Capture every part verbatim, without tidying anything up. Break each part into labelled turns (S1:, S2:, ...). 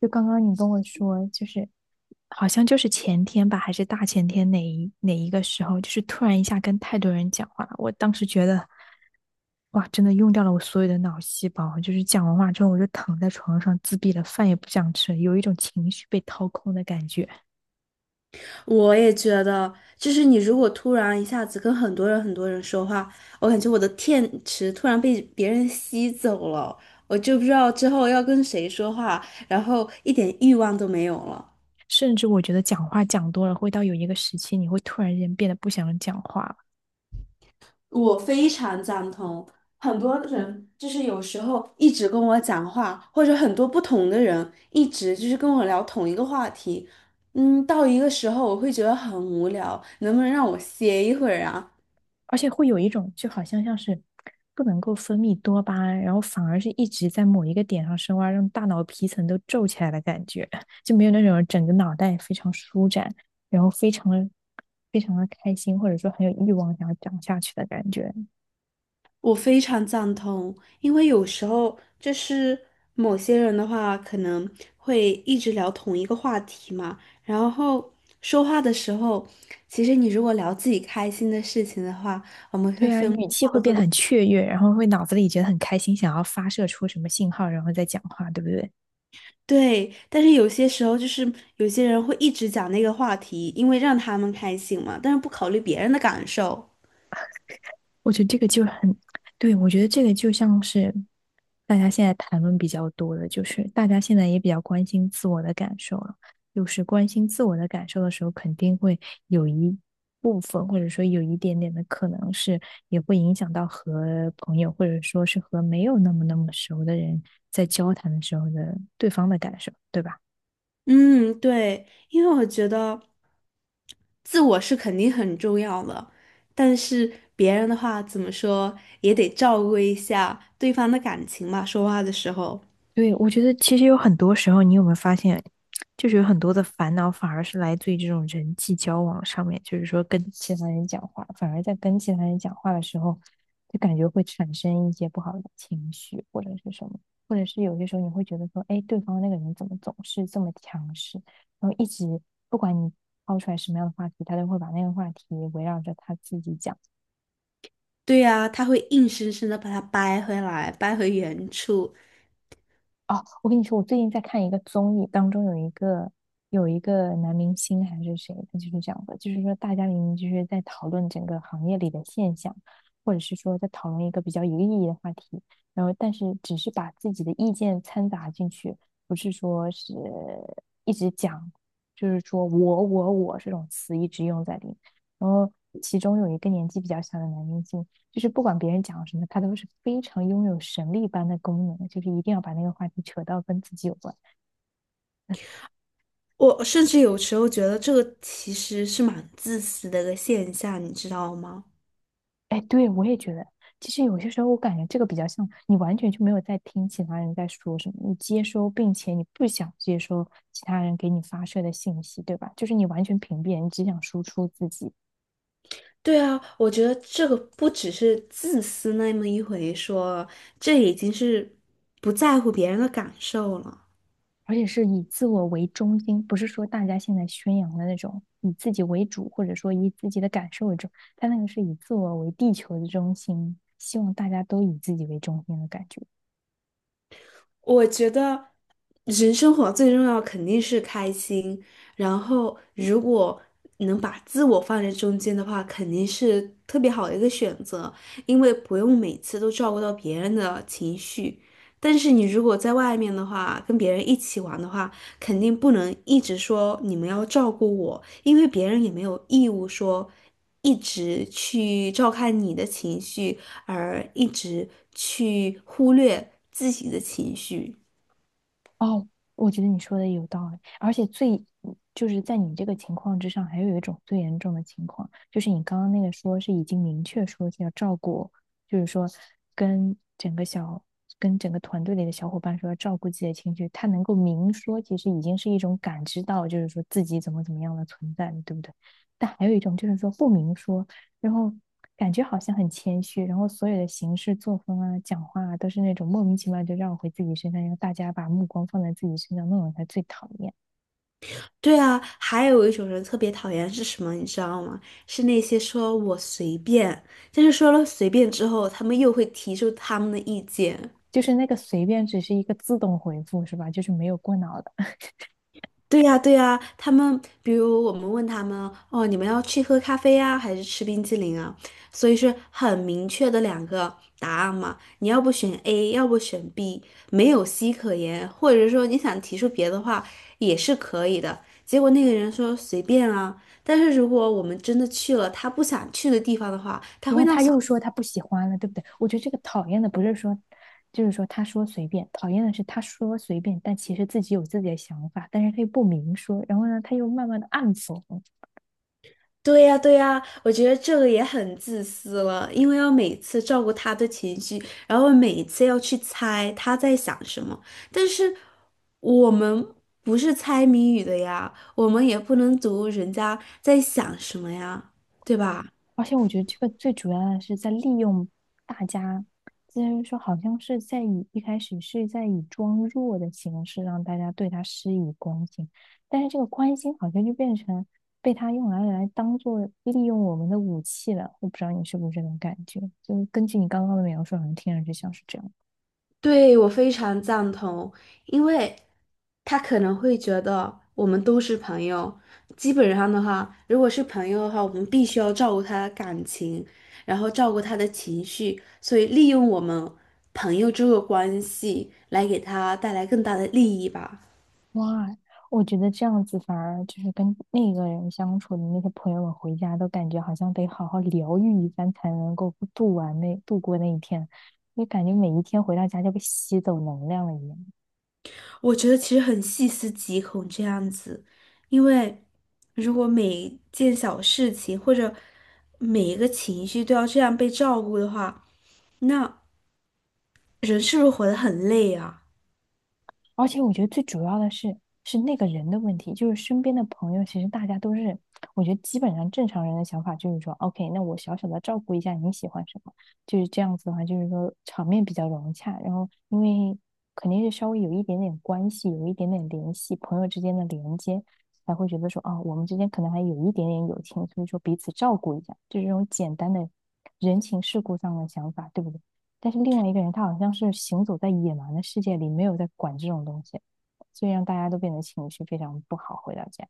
S1: 就刚刚你跟我说，就是好像就是前天吧，还是大前天哪一哪一个时候，就是突然一下跟太多人讲话了，我当时觉得，哇，真的用掉了我所有的脑细胞。就是讲完话之后，我就躺在床上自闭了，饭也不想吃，有一种情绪被掏空的感觉。
S2: 我也觉得，就是你如果突然一下子跟很多人很多人说话，我感觉我的电池突然被别人吸走了，我就不知道之后要跟谁说话，然后一点欲望都没有了。
S1: 甚至我觉得讲话讲多了，会到有一个时期，你会突然间变得不想讲话了。
S2: 我非常赞同，很多人就是有时候一直跟我讲话，或者很多不同的人一直就是跟我聊同一个话题，嗯，到一个时候我会觉得很无聊，能不能让我歇一会儿啊？
S1: 而且会有一种就好像像是不能够分泌多巴胺，然后反而是一直在某一个点上深挖，让大脑皮层都皱起来的感觉，就没有那种整个脑袋非常舒展，然后非常的非常的开心，或者说很有欲望想要讲下去的感觉。
S2: 我非常赞同，因为有时候就是某些人的话，可能会一直聊同一个话题嘛，然后说话的时候，其实你如果聊自己开心的事情的话，我们会
S1: 对啊，
S2: 分
S1: 语气
S2: 好
S1: 会
S2: 多
S1: 变得
S2: 的。
S1: 很雀跃，然后会脑子里觉得很开心，想要发射出什么信号，然后再讲话，对不对？
S2: 对，但是有些时候就是有些人会一直讲那个话题，因为让他们开心嘛，但是不考虑别人的感受。
S1: 我觉得这个就很，对，我觉得这个就像是大家现在谈论比较多的，就是大家现在也比较关心自我的感受了。就是关心自我的感受的时候，肯定会有一部分，或者说有一点点的可能是，也会影响到和朋友，或者说是和没有那么那么熟的人在交谈的时候的对方的感受，对吧？
S2: 嗯，对，因为我觉得自我是肯定很重要的，但是别人的话怎么说也得照顾一下对方的感情嘛，说话的时候。
S1: 对，我觉得其实有很多时候，你有没有发现，就是有很多的烦恼反而是来自于这种人际交往上面，就是说跟其他人讲话，反而在跟其他人讲话的时候，就感觉会产生一些不好的情绪或者是什么，或者是有些时候你会觉得说，哎，对方那个人怎么总是这么强势，然后一直不管你抛出来什么样的话题，他都会把那个话题围绕着他自己讲。
S2: 对呀，他会硬生生的把它掰回来，掰回原处。
S1: 哦，我跟你说，我最近在看一个综艺，当中有一个有一个男明星还是谁，他就是这样的，就是说大家明明就是在讨论整个行业里的现象，或者是说在讨论一个比较有意义的话题，然后但是只是把自己的意见掺杂进去，不是说是一直讲，就是说我我我这种词一直用在里面。然后其中有一个年纪比较小的男明星，就是不管别人讲什么，他都是非常拥有神力般的功能，就是一定要把那个话题扯到跟自己有关。
S2: 我甚至有时候觉得这个其实是蛮自私的一个现象，你知道吗？
S1: 哎，对，我也觉得，其实有些时候我感觉这个比较像你完全就没有在听其他人在说什么，你接收并且你不想接收其他人给你发射的信息，对吧？就是你完全屏蔽，你只想输出自己。
S2: 对啊，我觉得这个不只是自私那么一回说，这已经是不在乎别人的感受了。
S1: 而且是以自我为中心，不是说大家现在宣扬的那种以自己为主，或者说以自己的感受为主，他那个是以自我为地球的中心，希望大家都以自己为中心的感觉。
S2: 我觉得人生活最重要肯定是开心，然后如果能把自我放在中间的话，肯定是特别好的一个选择，因为不用每次都照顾到别人的情绪。但是你如果在外面的话，跟别人一起玩的话，肯定不能一直说你们要照顾我，因为别人也没有义务说一直去照看你的情绪，而一直去忽略自己的情绪。
S1: 哦，我觉得你说的有道理，而且最就是在你这个情况之上，还有一种最严重的情况，就是你刚刚那个说是已经明确说是要照顾，就是说跟整个小跟整个团队里的小伙伴说要照顾自己的情绪，他能够明说，其实已经是一种感知到，就是说自己怎么怎么样的存在，对不对？但还有一种就是说不明说，然后感觉好像很谦虚，然后所有的行事作风啊、讲话啊，都是那种莫名其妙就绕回自己身上，让大家把目光放在自己身上，那种才最讨厌。
S2: 对啊，还有一种人特别讨厌是什么，你知道吗？是那些说我随便，但是说了随便之后，他们又会提出他们的意见。
S1: 就是那个随便只是一个自动回复是吧？就是没有过脑的。
S2: 对呀，对呀，他们比如我们问他们，哦，你们要去喝咖啡啊，还是吃冰激凌啊？所以是很明确的两个答案嘛。你要不选 A，要不选 B，没有 C 可言，或者说你想提出别的话也是可以的。结果那个人说随便啊，但是如果我们真的去了他不想去的地方的话，他
S1: 然
S2: 会。
S1: 后他又说他不喜欢了，对不对？我觉得这个讨厌的不是说，就是说他说随便，讨厌的是他说随便，但其实自己有自己的想法，但是他又不明说，然后呢，他又慢慢的暗讽。
S2: 对呀，对呀，我觉得这个也很自私了，因为要每次照顾他的情绪，然后每一次要去猜他在想什么。但是我们不是猜谜语的呀，我们也不能读人家在想什么呀，对吧？
S1: 而且我觉得这个最主要的是在利用大家，就是说好像是在以一开始是在以装弱的形式让大家对他施以关心，但是这个关心好像就变成被他用来来当做利用我们的武器了。我不知道你是不是这种感觉，就是根据你刚刚的描述，好像听上去像是这样。
S2: 对，我非常赞同，因为他可能会觉得我们都是朋友。基本上的话，如果是朋友的话，我们必须要照顾他的感情，然后照顾他的情绪，所以利用我们朋友这个关系来给他带来更大的利益吧。
S1: 哇，我觉得这样子反而就是跟那个人相处的那些朋友们回家都感觉好像得好好疗愈一番才能够度完那度过那一天，就感觉每一天回到家就被吸走能量了一样。
S2: 我觉得其实很细思极恐这样子，因为如果每件小事情或者每一个情绪都要这样被照顾的话，那，人是不是活得很累啊？
S1: 而且我觉得最主要的是，是那个人的问题，就是身边的朋友，其实大家都是，我觉得基本上正常人的想法就是说，OK，那我小小的照顾一下你喜欢什么，就是这样子的话，就是说场面比较融洽，然后因为肯定是稍微有一点点关系，有一点点联系，朋友之间的连接，才会觉得说，啊，我们之间可能还有一点点友情，所以说彼此照顾一下，就是这种简单的人情世故上的想法，对不对？但是另外一个人他好像是行走在野蛮的世界里，没有在管这种东西，所以让大家都变得情绪非常不好。回到家，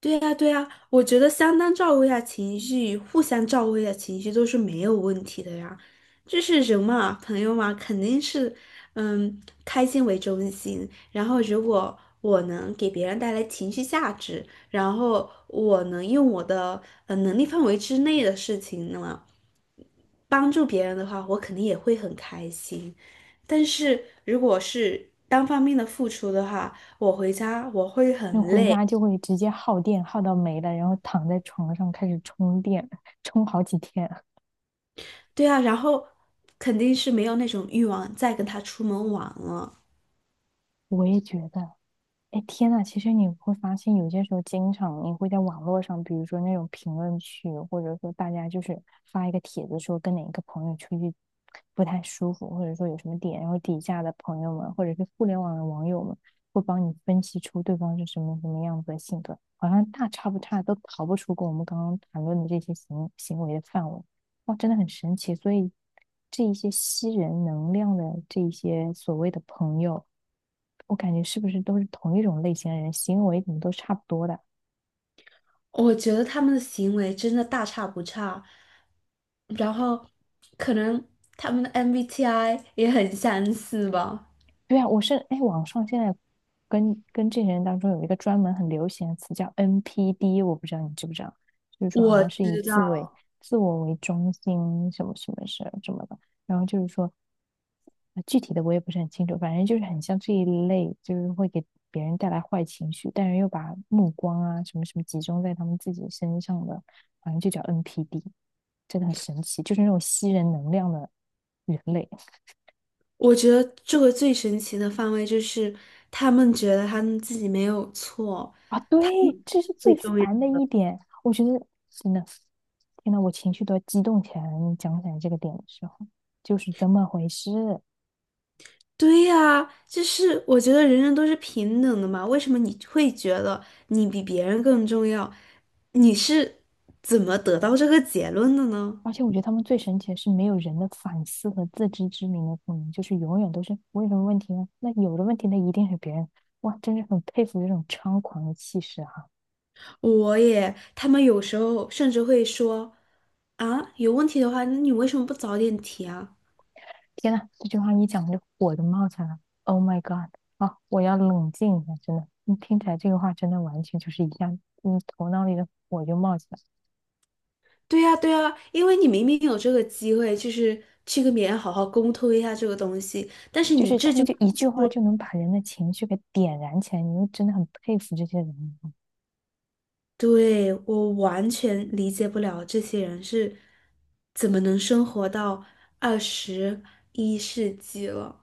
S2: 对呀，对呀，我觉得相当照顾一下情绪，互相照顾一下情绪都是没有问题的呀。就是人嘛，朋友嘛，肯定是，嗯，开心为中心。然后，如果我能给别人带来情绪价值，然后我能用我的呃能力范围之内的事情呢，帮助别人的话，我肯定也会很开心。但是如果是单方面的付出的话，我回家我会很
S1: 那回
S2: 累。
S1: 家就会直接耗电，耗到没了，然后躺在床上开始充电，充好几天。
S2: 对啊，然后肯定是没有那种欲望再跟他出门玩了。
S1: 我也觉得，哎，天呐，其实你会发现，有些时候经常你会在网络上，比如说那种评论区，或者说大家就是发一个帖子说跟哪个朋友出去不太舒服，或者说有什么点，然后底下的朋友们或者是互联网的网友们会帮你分析出对方是什么什么样子的性格，好像大差不差，都逃不出跟我们刚刚谈论的这些行行为的范围。哇，真的很神奇。所以这一些吸人能量的这一些所谓的朋友，我感觉是不是都是同一种类型的人，行为怎么都差不多的？
S2: 我觉得他们的行为真的大差不差，然后可能他们的 M B T I 也很相似吧。
S1: 对啊，我是，哎，网上现在跟跟这些人当中有一个专门很流行的词叫 N P D，我不知道你知不知道，就是说好
S2: 我
S1: 像是以
S2: 知道，
S1: 自为自我为中心什么什么什什么的，然后就是说，呃具体的我也不是很清楚，反正就是很像这一类，就是会给别人带来坏情绪，但是又把目光啊什么什么集中在他们自己身上的，反正就叫 N P D，真的很神奇，就是那种吸人能量的人类。
S2: 我觉得这个最神奇的范围就是他们觉得他们自己没有错，
S1: 啊，对，这是最
S2: 最重要。
S1: 烦的一点。我觉得真的，天呐，我情绪都要激动起来了。你讲起来这个点的时候，就是这么回事。
S2: 对呀，就是我觉得人人都是平等的嘛，为什么你会觉得你比别人更重要？你是怎么得到这个结论的呢？
S1: 而且我觉得他们最神奇的是，没有人的反思和自知之明的可能，就是永远都是我有什么问题呢？那有的问题，那一定是别人。哇，真是很佩服这种猖狂的气势哈！
S2: 我也，他们有时候甚至会说，啊，有问题的话，那你为什么不早点提啊？
S1: 天呐，这句话一讲，就火就冒起来了。Oh my god！啊，我要冷静一下，真的。你听起来这个话，真的完全就是一下，嗯，头脑里的火就冒起来了。
S2: 对呀，对呀，因为你明明有这个机会，就是去跟别人好好沟通一下这个东西，但是
S1: 就
S2: 你
S1: 是他
S2: 这
S1: 们
S2: 句
S1: 就一句话
S2: 话。
S1: 就能把人的情绪给点燃起来，你就真的很佩服这些人。
S2: 对，我完全理解不了这些人是怎么能生活到二十一世纪了。